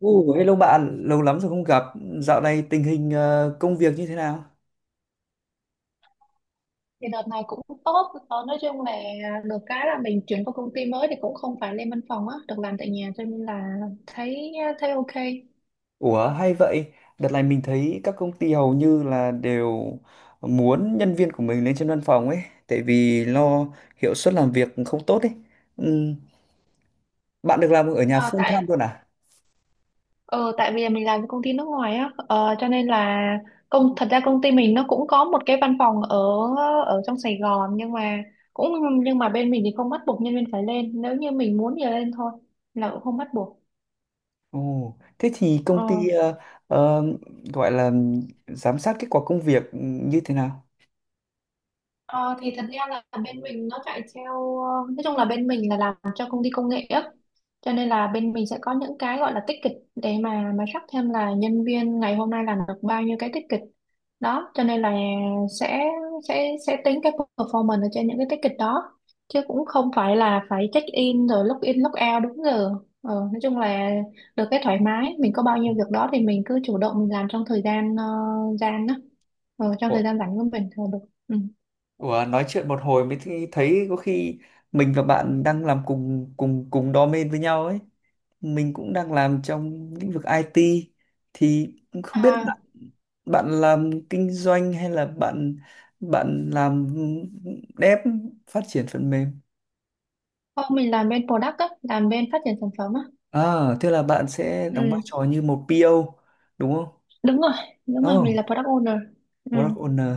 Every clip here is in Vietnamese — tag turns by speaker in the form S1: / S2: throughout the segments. S1: Ồ, hello bạn, lâu lắm rồi không gặp. Dạo này tình hình công việc như thế nào?
S2: Thì đợt này cũng tốt. Ờ, nói chung là được cái là mình chuyển qua công ty mới thì cũng không phải lên văn phòng á, được làm tại nhà cho nên là thấy thấy ok.
S1: Ủa, hay vậy. Đợt này mình thấy các công ty hầu như là đều muốn nhân viên của mình lên trên văn phòng ấy, tại vì lo hiệu suất làm việc không tốt ấy. Ừm, Bạn được làm ở nhà
S2: Ờ,
S1: full time
S2: tại
S1: luôn à?
S2: ờ, Tại vì mình làm với công ty nước ngoài á, cho nên là, thật ra công ty mình nó cũng có một cái văn phòng ở ở trong Sài Gòn, nhưng mà cũng nhưng mà bên mình thì không bắt buộc nhân viên phải lên, nếu như mình muốn thì lên thôi, là cũng không bắt buộc.
S1: Ồ, thế thì công
S2: Ờ.
S1: ty ờ, gọi là giám sát kết quả công việc như thế nào?
S2: Ờ, thì thật ra là bên mình nó chạy theo, ờ, nói chung là bên mình là làm cho công ty công nghệ á, cho nên là bên mình sẽ có những cái gọi là ticket để mà track thêm là nhân viên ngày hôm nay làm được bao nhiêu cái ticket đó, cho nên là sẽ sẽ tính cái performance ở trên những cái ticket đó, chứ cũng không phải là phải check in rồi log in log out đúng giờ. Nói chung là được cái thoải mái, mình có bao nhiêu việc đó thì mình cứ chủ động mình làm trong thời gian, ờ, gian đó ờ, trong
S1: Ủa,
S2: thời gian rảnh của mình thôi được. Ừ.
S1: ủa, nói chuyện một hồi mới thấy có khi mình và bạn đang làm cùng cùng cùng đam mê với nhau ấy. Mình cũng đang làm trong lĩnh vực IT thì cũng không biết
S2: À,
S1: bạn làm kinh doanh hay là bạn bạn làm dev phát triển phần mềm.
S2: không, mình làm bên product á, làm bên phát triển sản phẩm á.
S1: À, thế là bạn sẽ đóng vai
S2: Ừ,
S1: trò như một PO đúng không?
S2: đúng rồi, đúng rồi, mình
S1: Oh,
S2: là product owner. Ừ.
S1: product owner.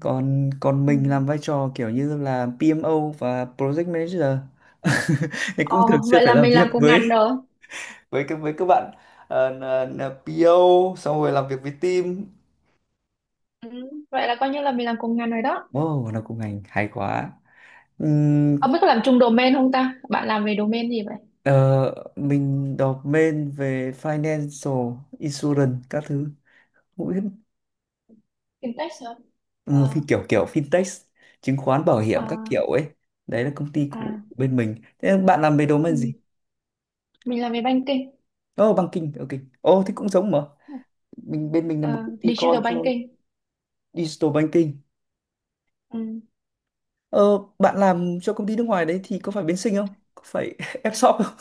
S1: Còn còn
S2: Ừ.
S1: mình làm vai trò kiểu như là PMO và project manager. Thì cũng thường
S2: Ồ,
S1: xuyên
S2: vậy
S1: phải
S2: là
S1: làm
S2: mình
S1: việc
S2: làm cùng ngành
S1: với
S2: rồi.
S1: với các bạn ờ, là PO xong rồi làm việc với team.
S2: Ừ, vậy là coi như là mình làm cùng ngành rồi đó.
S1: Wow, nó cũng ngành hay quá. Ừm,
S2: Ông biết có làm chung domain không ta? Bạn làm về domain gì vậy?
S1: ờ, mình đọc main về financial insurance các thứ. Cũng biết.
S2: Fintech hả?
S1: Ừ, phi
S2: Ờ,
S1: kiểu kiểu fintech, chứng khoán bảo hiểm các
S2: à,
S1: kiểu ấy. Đấy là công ty của
S2: à,
S1: bên mình. Thế bạn làm về domain
S2: ừ.
S1: gì?
S2: Mình làm về banking,
S1: Ồ, oh, banking, ok. Ồ, oh, thế cũng giống mà. Bên mình là một
S2: Ờ,
S1: công ty
S2: digital
S1: con cho
S2: banking.
S1: digital banking.
S2: Ừ.
S1: Ờ, bạn làm cho công ty nước ngoài đấy thì có phải bên Sinh không? Có phải F-shop không?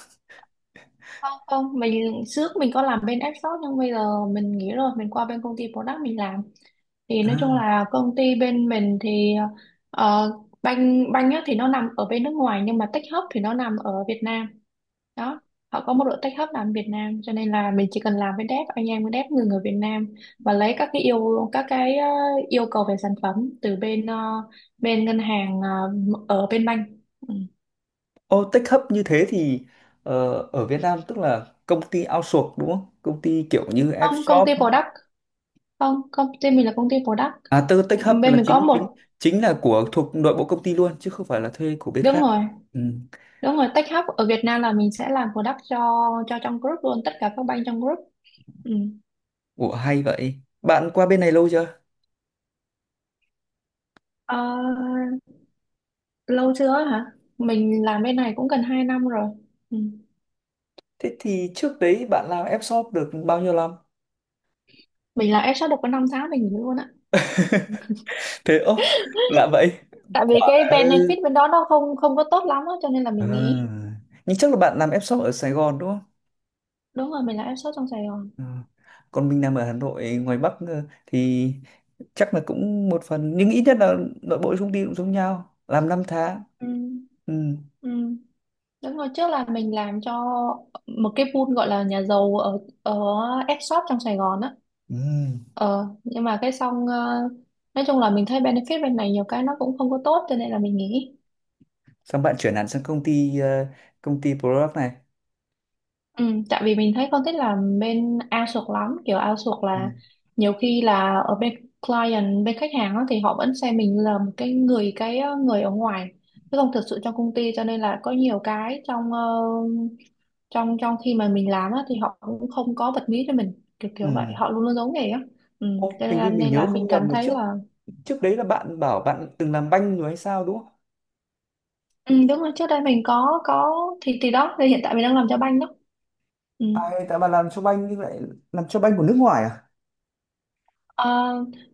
S2: Không, không, trước mình có làm bên app shop nhưng bây giờ mình nghỉ rồi, mình qua bên công ty product mình làm. Thì nói chung
S1: À.
S2: là công ty bên mình thì, ờ, banh banh á thì nó nằm ở bên nước ngoài, nhưng mà tech hub thì nó nằm ở Việt Nam đó. Họ có một đội tech hub làm ở Việt Nam, cho nên là mình chỉ cần làm với dev, anh em với dev người người Việt Nam, và lấy các cái, yêu cầu về sản phẩm từ bên, ờ, bên ngân hàng, ở bên banh. Ừ.
S1: Ô, tech hub như thế thì ở Việt Nam tức là công ty outsource đúng không? Công ty kiểu như
S2: không công
S1: Fshop.
S2: ty product Không, công ty mình là công ty product.
S1: À, tư tech hub
S2: Bên
S1: là
S2: mình có
S1: chính chính
S2: một.
S1: chính là của thuộc nội bộ công ty luôn chứ không phải là thuê của bên
S2: Đúng
S1: khác.
S2: rồi,
S1: Ừ.
S2: đúng rồi, tech hub ở Việt Nam là mình sẽ làm product cho trong group luôn, tất cả các bank trong group. Ừ.
S1: Ủa, hay vậy. Bạn qua bên này lâu chưa?
S2: Ờ, Lâu chưa hả? Mình làm bên này cũng gần 2 năm rồi. Ừ.
S1: Thế thì trước đấy bạn làm Fshop được bao nhiêu năm?
S2: Mình là HR được có 5 tháng mình nghỉ luôn á.
S1: Thế ô, lạ vậy.
S2: Tại vì
S1: Quả
S2: cái benefit bên đó nó không không có tốt lắm á, cho nên là mình nghỉ.
S1: à. Nhưng chắc là bạn làm Fshop ở Sài Gòn đúng không?
S2: Đúng rồi, mình là HR trong Sài Gòn.
S1: Ừ. Còn mình làm ở Hà Nội ngoài Bắc thì chắc là cũng một phần nhưng ít nhất là nội bộ công ty cũng giống nhau làm 5 tháng.
S2: Ừ.
S1: Ừ.
S2: Ừ. Đúng rồi, trước là mình làm cho một cái pool gọi là nhà giàu ở, F-shop trong Sài Gòn á.
S1: Ừ.
S2: Ờ, nhưng mà nói chung là mình thấy benefit bên này nhiều cái nó cũng không có tốt, cho nên là mình nghỉ.
S1: Xong bạn chuyển hẳn sang công ty công ty product này.
S2: Ừ, tại vì mình thấy con thích làm bên outsource lắm, kiểu outsource
S1: Ừ.
S2: là nhiều khi là ở bên client, bên khách hàng á, thì họ vẫn xem mình là một cái người ở ngoài, chứ không thực sự trong công ty, cho nên là có nhiều cái trong, ờ, trong trong khi mà mình làm á, thì họ cũng không có bật mí cho mình, kiểu kiểu vậy,
S1: Ừ.
S2: họ luôn luôn giấu nghề á. Ừ,
S1: Ô, hình như mình
S2: nên
S1: nhớ
S2: là mình
S1: không nhầm
S2: cảm
S1: mà
S2: thấy
S1: trước
S2: là.
S1: trước đấy là bạn bảo bạn từng làm banh rồi hay sao đúng không?
S2: Ừ, đúng rồi, trước đây mình có, thì đó thì hiện tại mình đang làm cho banh đó. Ừ.
S1: À, tại bạn làm cho banh nhưng lại làm cho banh của nước ngoài à?
S2: Ờ,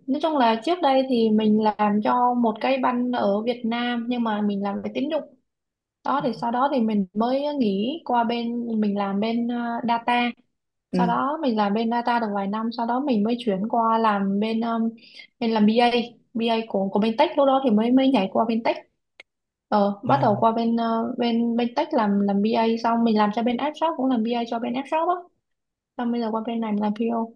S2: nói chung là trước đây thì mình làm cho một cái banh ở Việt Nam, nhưng mà mình làm về tín dụng đó, thì sau đó thì mình mới nghỉ qua bên mình làm bên, data.
S1: Ừ.
S2: Sau đó mình làm bên data được vài năm, sau đó mình mới chuyển qua làm bên, mình làm BA, BA của bên tech, lúc đó thì mới mới nhảy qua bên tech. Bắt đầu
S1: Ồ,
S2: qua bên, ờ, bên bên tech làm, BA xong mình làm cho bên app shop, cũng làm BA cho bên app shop á, xong bây giờ qua bên này mình làm PO.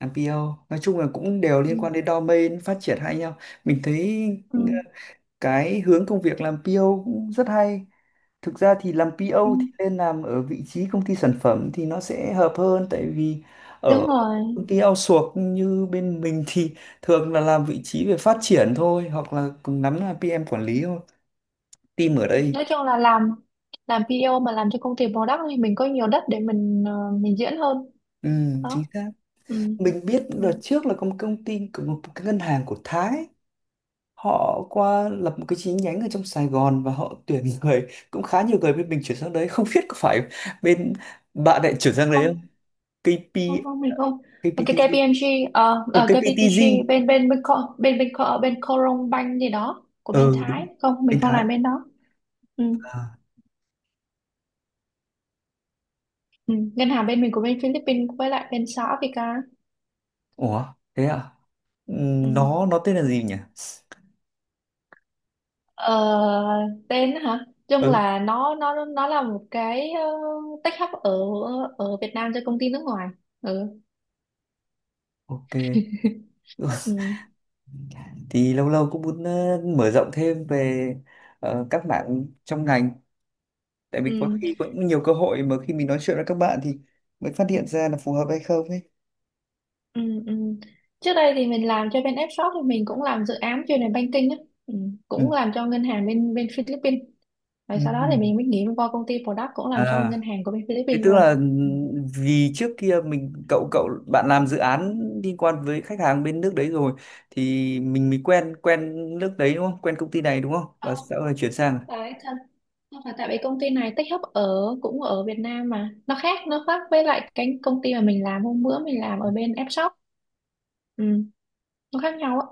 S1: làm PO nói chung là cũng đều
S2: Ừ.
S1: liên quan đến domain phát triển hay nhau. Mình thấy
S2: Ừ.
S1: cái hướng công việc làm PO cũng rất hay. Thực ra thì làm
S2: Ừ.
S1: PO thì nên làm ở vị trí công ty sản phẩm thì nó sẽ hợp hơn, tại vì ở
S2: Đúng rồi,
S1: công ty outsource như bên mình thì thường là làm vị trí về phát triển thôi hoặc là cùng lắm là PM quản lý thôi team ở đây.
S2: nói chung là làm PO mà làm cho công ty product thì mình có nhiều đất để mình diễn hơn
S1: Ừ, chính
S2: đó.
S1: xác.
S2: Ừ.
S1: Mình biết
S2: Ừ.
S1: đợt trước là có một công ty của một cái ngân hàng của Thái, họ qua lập một cái chi nhánh ở trong Sài Gòn và họ tuyển người cũng khá nhiều, người bên mình chuyển sang đấy không biết có phải bên bạn lại chuyển sang đấy.
S2: Không,
S1: KP
S2: không, không, mình không. Cái
S1: KPTG.
S2: KPMG,
S1: Không, KPTG.
S2: KPTG bên, bên bên Co- bên bên Co- bên Coron Bank gì đó của bên
S1: Ừ, đúng,
S2: Thái, không
S1: anh
S2: mình không
S1: Thái.
S2: làm bên đó. Ừ.
S1: À,
S2: Ừ. Ngân hàng bên mình của bên Philippines, với lại bên xã Africa.
S1: ủa thế à.
S2: Ừ.
S1: Nó tên là gì nhỉ?
S2: Ờ, Tên hả? Chung
S1: Ừ.
S2: là nó là một cái, tech hub ở, Việt Nam cho công ty nước ngoài. Ừ.
S1: Ok.
S2: Ừ,
S1: Thì lâu lâu cũng muốn mở rộng thêm về các bạn trong ngành, tại
S2: ừ,
S1: vì có khi cũng nhiều cơ hội mà khi mình nói chuyện với các bạn thì mới phát hiện ra là phù hợp hay không ấy.
S2: ừ, ừ. Trước đây thì mình làm cho bên F-Shop, thì mình cũng làm dự án chuyên về banking á. Ừ.
S1: Ừ.
S2: Cũng làm cho ngân hàng bên bên Philippines. Rồi
S1: Ừ.
S2: sau đó thì mình mới nghỉ qua công ty product, cũng làm cho
S1: À,
S2: ngân hàng của bên
S1: thì
S2: Philippines
S1: tức là
S2: luôn.
S1: ừ,
S2: Ừ.
S1: vì trước kia mình cậu cậu bạn làm dự án liên quan với khách hàng bên nước đấy rồi, thì mình mới quen quen nước đấy đúng không? Quen công ty này đúng không? Và
S2: Không,
S1: sau này chuyển sang
S2: không phải thân. Không phải, tại vì công ty này tech hub ở, cũng ở Việt Nam mà. Nó khác với lại cái công ty mà mình làm hôm bữa, mình làm ở bên F-Shop. Ừ, nó khác nhau á.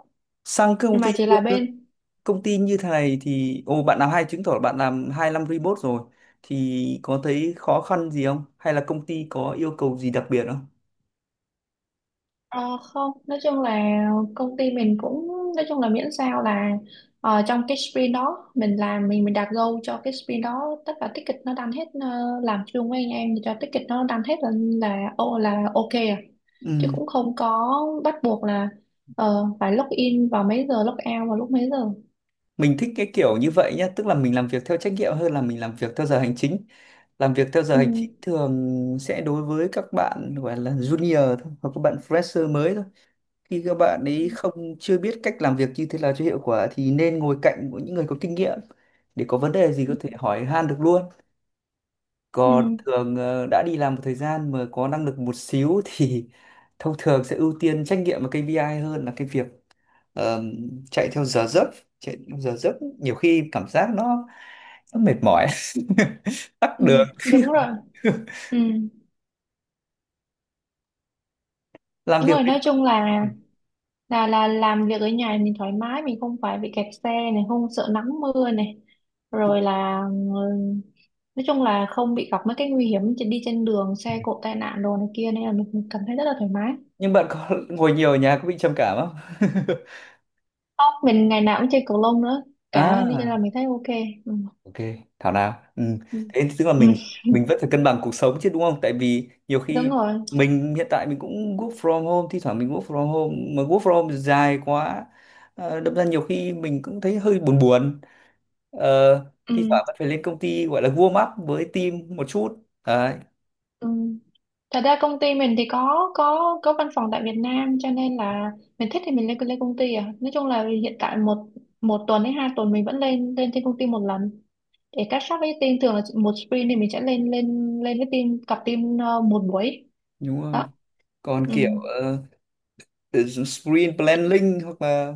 S1: sang cái công
S2: Nhưng
S1: ty
S2: mà chỉ là bên,
S1: công ty như thế này thì ồ, bạn làm hay, chứng tỏ là bạn làm 2 năm remote rồi thì có thấy khó khăn gì không? Hay là công ty có yêu cầu gì đặc biệt không?
S2: Ờ, không, nói chung là công ty mình cũng, nói chung là miễn sao là, trong cái sprint đó mình làm, mình đặt goal cho cái sprint đó, tất cả ticket nó đăng hết, làm chung với anh em thì cho ticket nó đăng hết là ô là ok à, chứ
S1: Ừ.
S2: cũng không có bắt buộc là, phải log in vào mấy giờ, log out vào lúc mấy giờ.
S1: Mình thích cái kiểu như vậy nhá, tức là mình làm việc theo trách nhiệm hơn là mình làm việc theo giờ hành chính. Làm việc theo giờ
S2: Ừ.
S1: hành chính thường sẽ đối với các bạn gọi là junior thôi hoặc các bạn fresher mới thôi, khi các bạn
S2: Ừ.
S1: ấy không chưa biết cách làm việc như thế nào cho hiệu quả thì nên ngồi cạnh của những người có kinh nghiệm để có vấn đề gì có thể hỏi han được luôn.
S2: Ừ.
S1: Còn thường đã đi làm một thời gian mà có năng lực một xíu thì thông thường sẽ ưu tiên trách nhiệm và KPI hơn là cái việc. Ờ, chạy theo giờ giấc. Chạy theo giờ giấc nhiều khi cảm giác nó mệt mỏi. Tắc
S2: Ừ,
S1: đường.
S2: đúng rồi. Ừ.
S1: Làm
S2: Đúng
S1: việc
S2: rồi,
S1: với.
S2: nói chung là làm việc ở nhà mình thoải mái, mình không phải bị kẹt xe này, không sợ nắng mưa này, rồi là ừ, nói chung là không bị gặp mấy cái nguy hiểm đi trên đường, xe cộ tai nạn đồ này kia, nên là mình cảm thấy rất là thoải mái.
S1: Nhưng bạn có ngồi nhiều ở nhà có bị trầm cảm không?
S2: Không, mình ngày nào cũng chơi cầu lông nữa cả, nên là
S1: À.
S2: mình thấy ok. Ừ.
S1: Ok, thảo nào. Ừ. Thế tức là
S2: Ừ.
S1: mình vẫn phải cân bằng cuộc sống chứ đúng không? Tại vì nhiều khi
S2: Đúng rồi.
S1: hiện tại mình cũng work from home, thi thoảng mình work from home mà work from home dài quá. Ờ, đâm ra nhiều khi mình cũng thấy hơi buồn buồn. Ờ, thi
S2: Ừ.
S1: thoảng vẫn phải lên công ty gọi là warm up với team một chút. Đấy,
S2: Ừ. Thật ra công ty mình thì có văn phòng tại Việt Nam, cho nên là mình thích thì mình lên lên công ty à. Nói chung là hiện tại một 1 tuần hay 2 tuần mình vẫn lên lên trên công ty 1 lần, để catch up với team, thường là một sprint thì mình sẽ lên lên lên với team, cặp team, một buổi
S1: đúng rồi.
S2: đó.
S1: Còn
S2: Ừ.
S1: kiểu sprint planning hoặc là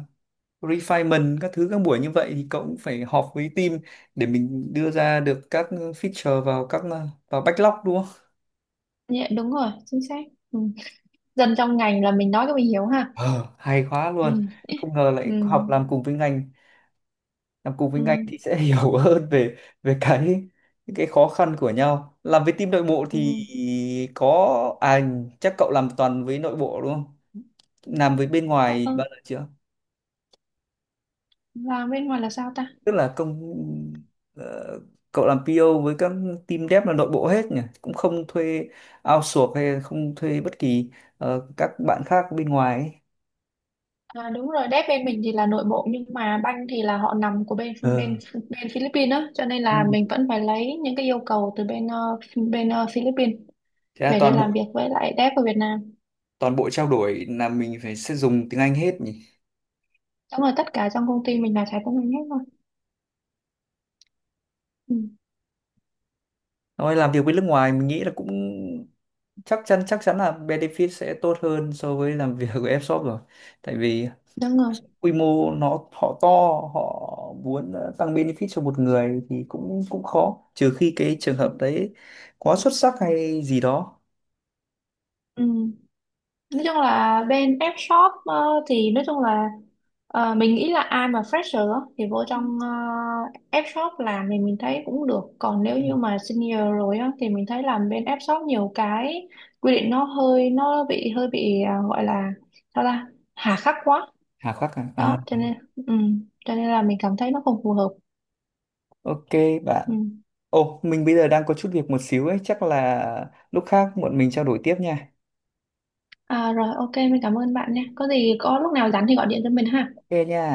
S1: refinement các thứ các buổi như vậy thì cậu cũng phải họp với team để mình đưa ra được các feature vào vào backlog đúng không?
S2: Dạ, đúng rồi, chính xác. Ừ. Dân trong ngành là mình nói cái mình hiểu ha.
S1: Ờ, hay quá
S2: Ừ.
S1: luôn. Không ngờ
S2: Ừ.
S1: lại học làm cùng với ngành, làm cùng với ngành
S2: Ừ.
S1: thì sẽ hiểu hơn về về cái khó khăn của nhau. Làm với team nội bộ
S2: Ừ.
S1: thì có à, chắc cậu làm toàn với nội bộ đúng không? Làm với bên
S2: Ờ,
S1: ngoài
S2: ờ,
S1: bao giờ chưa?
S2: Làm bên ngoài là sao ta?
S1: Tức là ờ, cậu làm PO với các team dev là nội bộ hết nhỉ, cũng không thuê outsource hay không thuê bất kỳ các bạn khác bên ngoài ấy.
S2: À, đúng rồi, đép bên mình thì là nội bộ, nhưng mà banh thì là họ nằm của bên, bên
S1: Ờ.
S2: bên Philippines á, cho nên là mình
S1: Ừ.
S2: vẫn phải lấy những cái yêu cầu từ bên, Philippines
S1: Thế là
S2: về để
S1: toàn
S2: làm
S1: bộ
S2: việc với lại đép ở Việt Nam.
S1: toàn bộ trao đổi là mình phải sẽ dùng tiếng Anh hết nhỉ?
S2: Đúng rồi, tất cả trong công ty mình là trái của mình hết rồi. Ừ,
S1: Nói làm việc với nước ngoài mình nghĩ là cũng chắc chắn là benefit sẽ tốt hơn so với làm việc với Fshop rồi, tại vì
S2: đúng rồi.
S1: quy mô nó họ to, họ muốn tăng benefit cho một người thì cũng cũng khó trừ khi cái trường hợp đấy quá xuất sắc hay gì đó.
S2: Ừ. Nói chung là bên F shop, thì nói chung là, mình nghĩ là ai mà fresher á, thì vô trong, F shop làm thì mình thấy cũng được, còn nếu
S1: Ừ.
S2: như mà senior rồi á, thì mình thấy làm bên F shop nhiều cái quy định, nó bị hơi bị, à, gọi là sao ta, hà khắc quá.
S1: Hà khắc à? À,
S2: Đó cho nên cho nên là mình cảm thấy nó không phù hợp.
S1: ok bạn.
S2: Ừ.
S1: Ồ, mình bây giờ đang có chút việc một xíu ấy, chắc là lúc khác bọn mình trao đổi tiếp nha.
S2: À, rồi ok mình cảm ơn bạn nha, có gì có lúc nào rảnh thì gọi điện cho mình ha.
S1: Ok nha.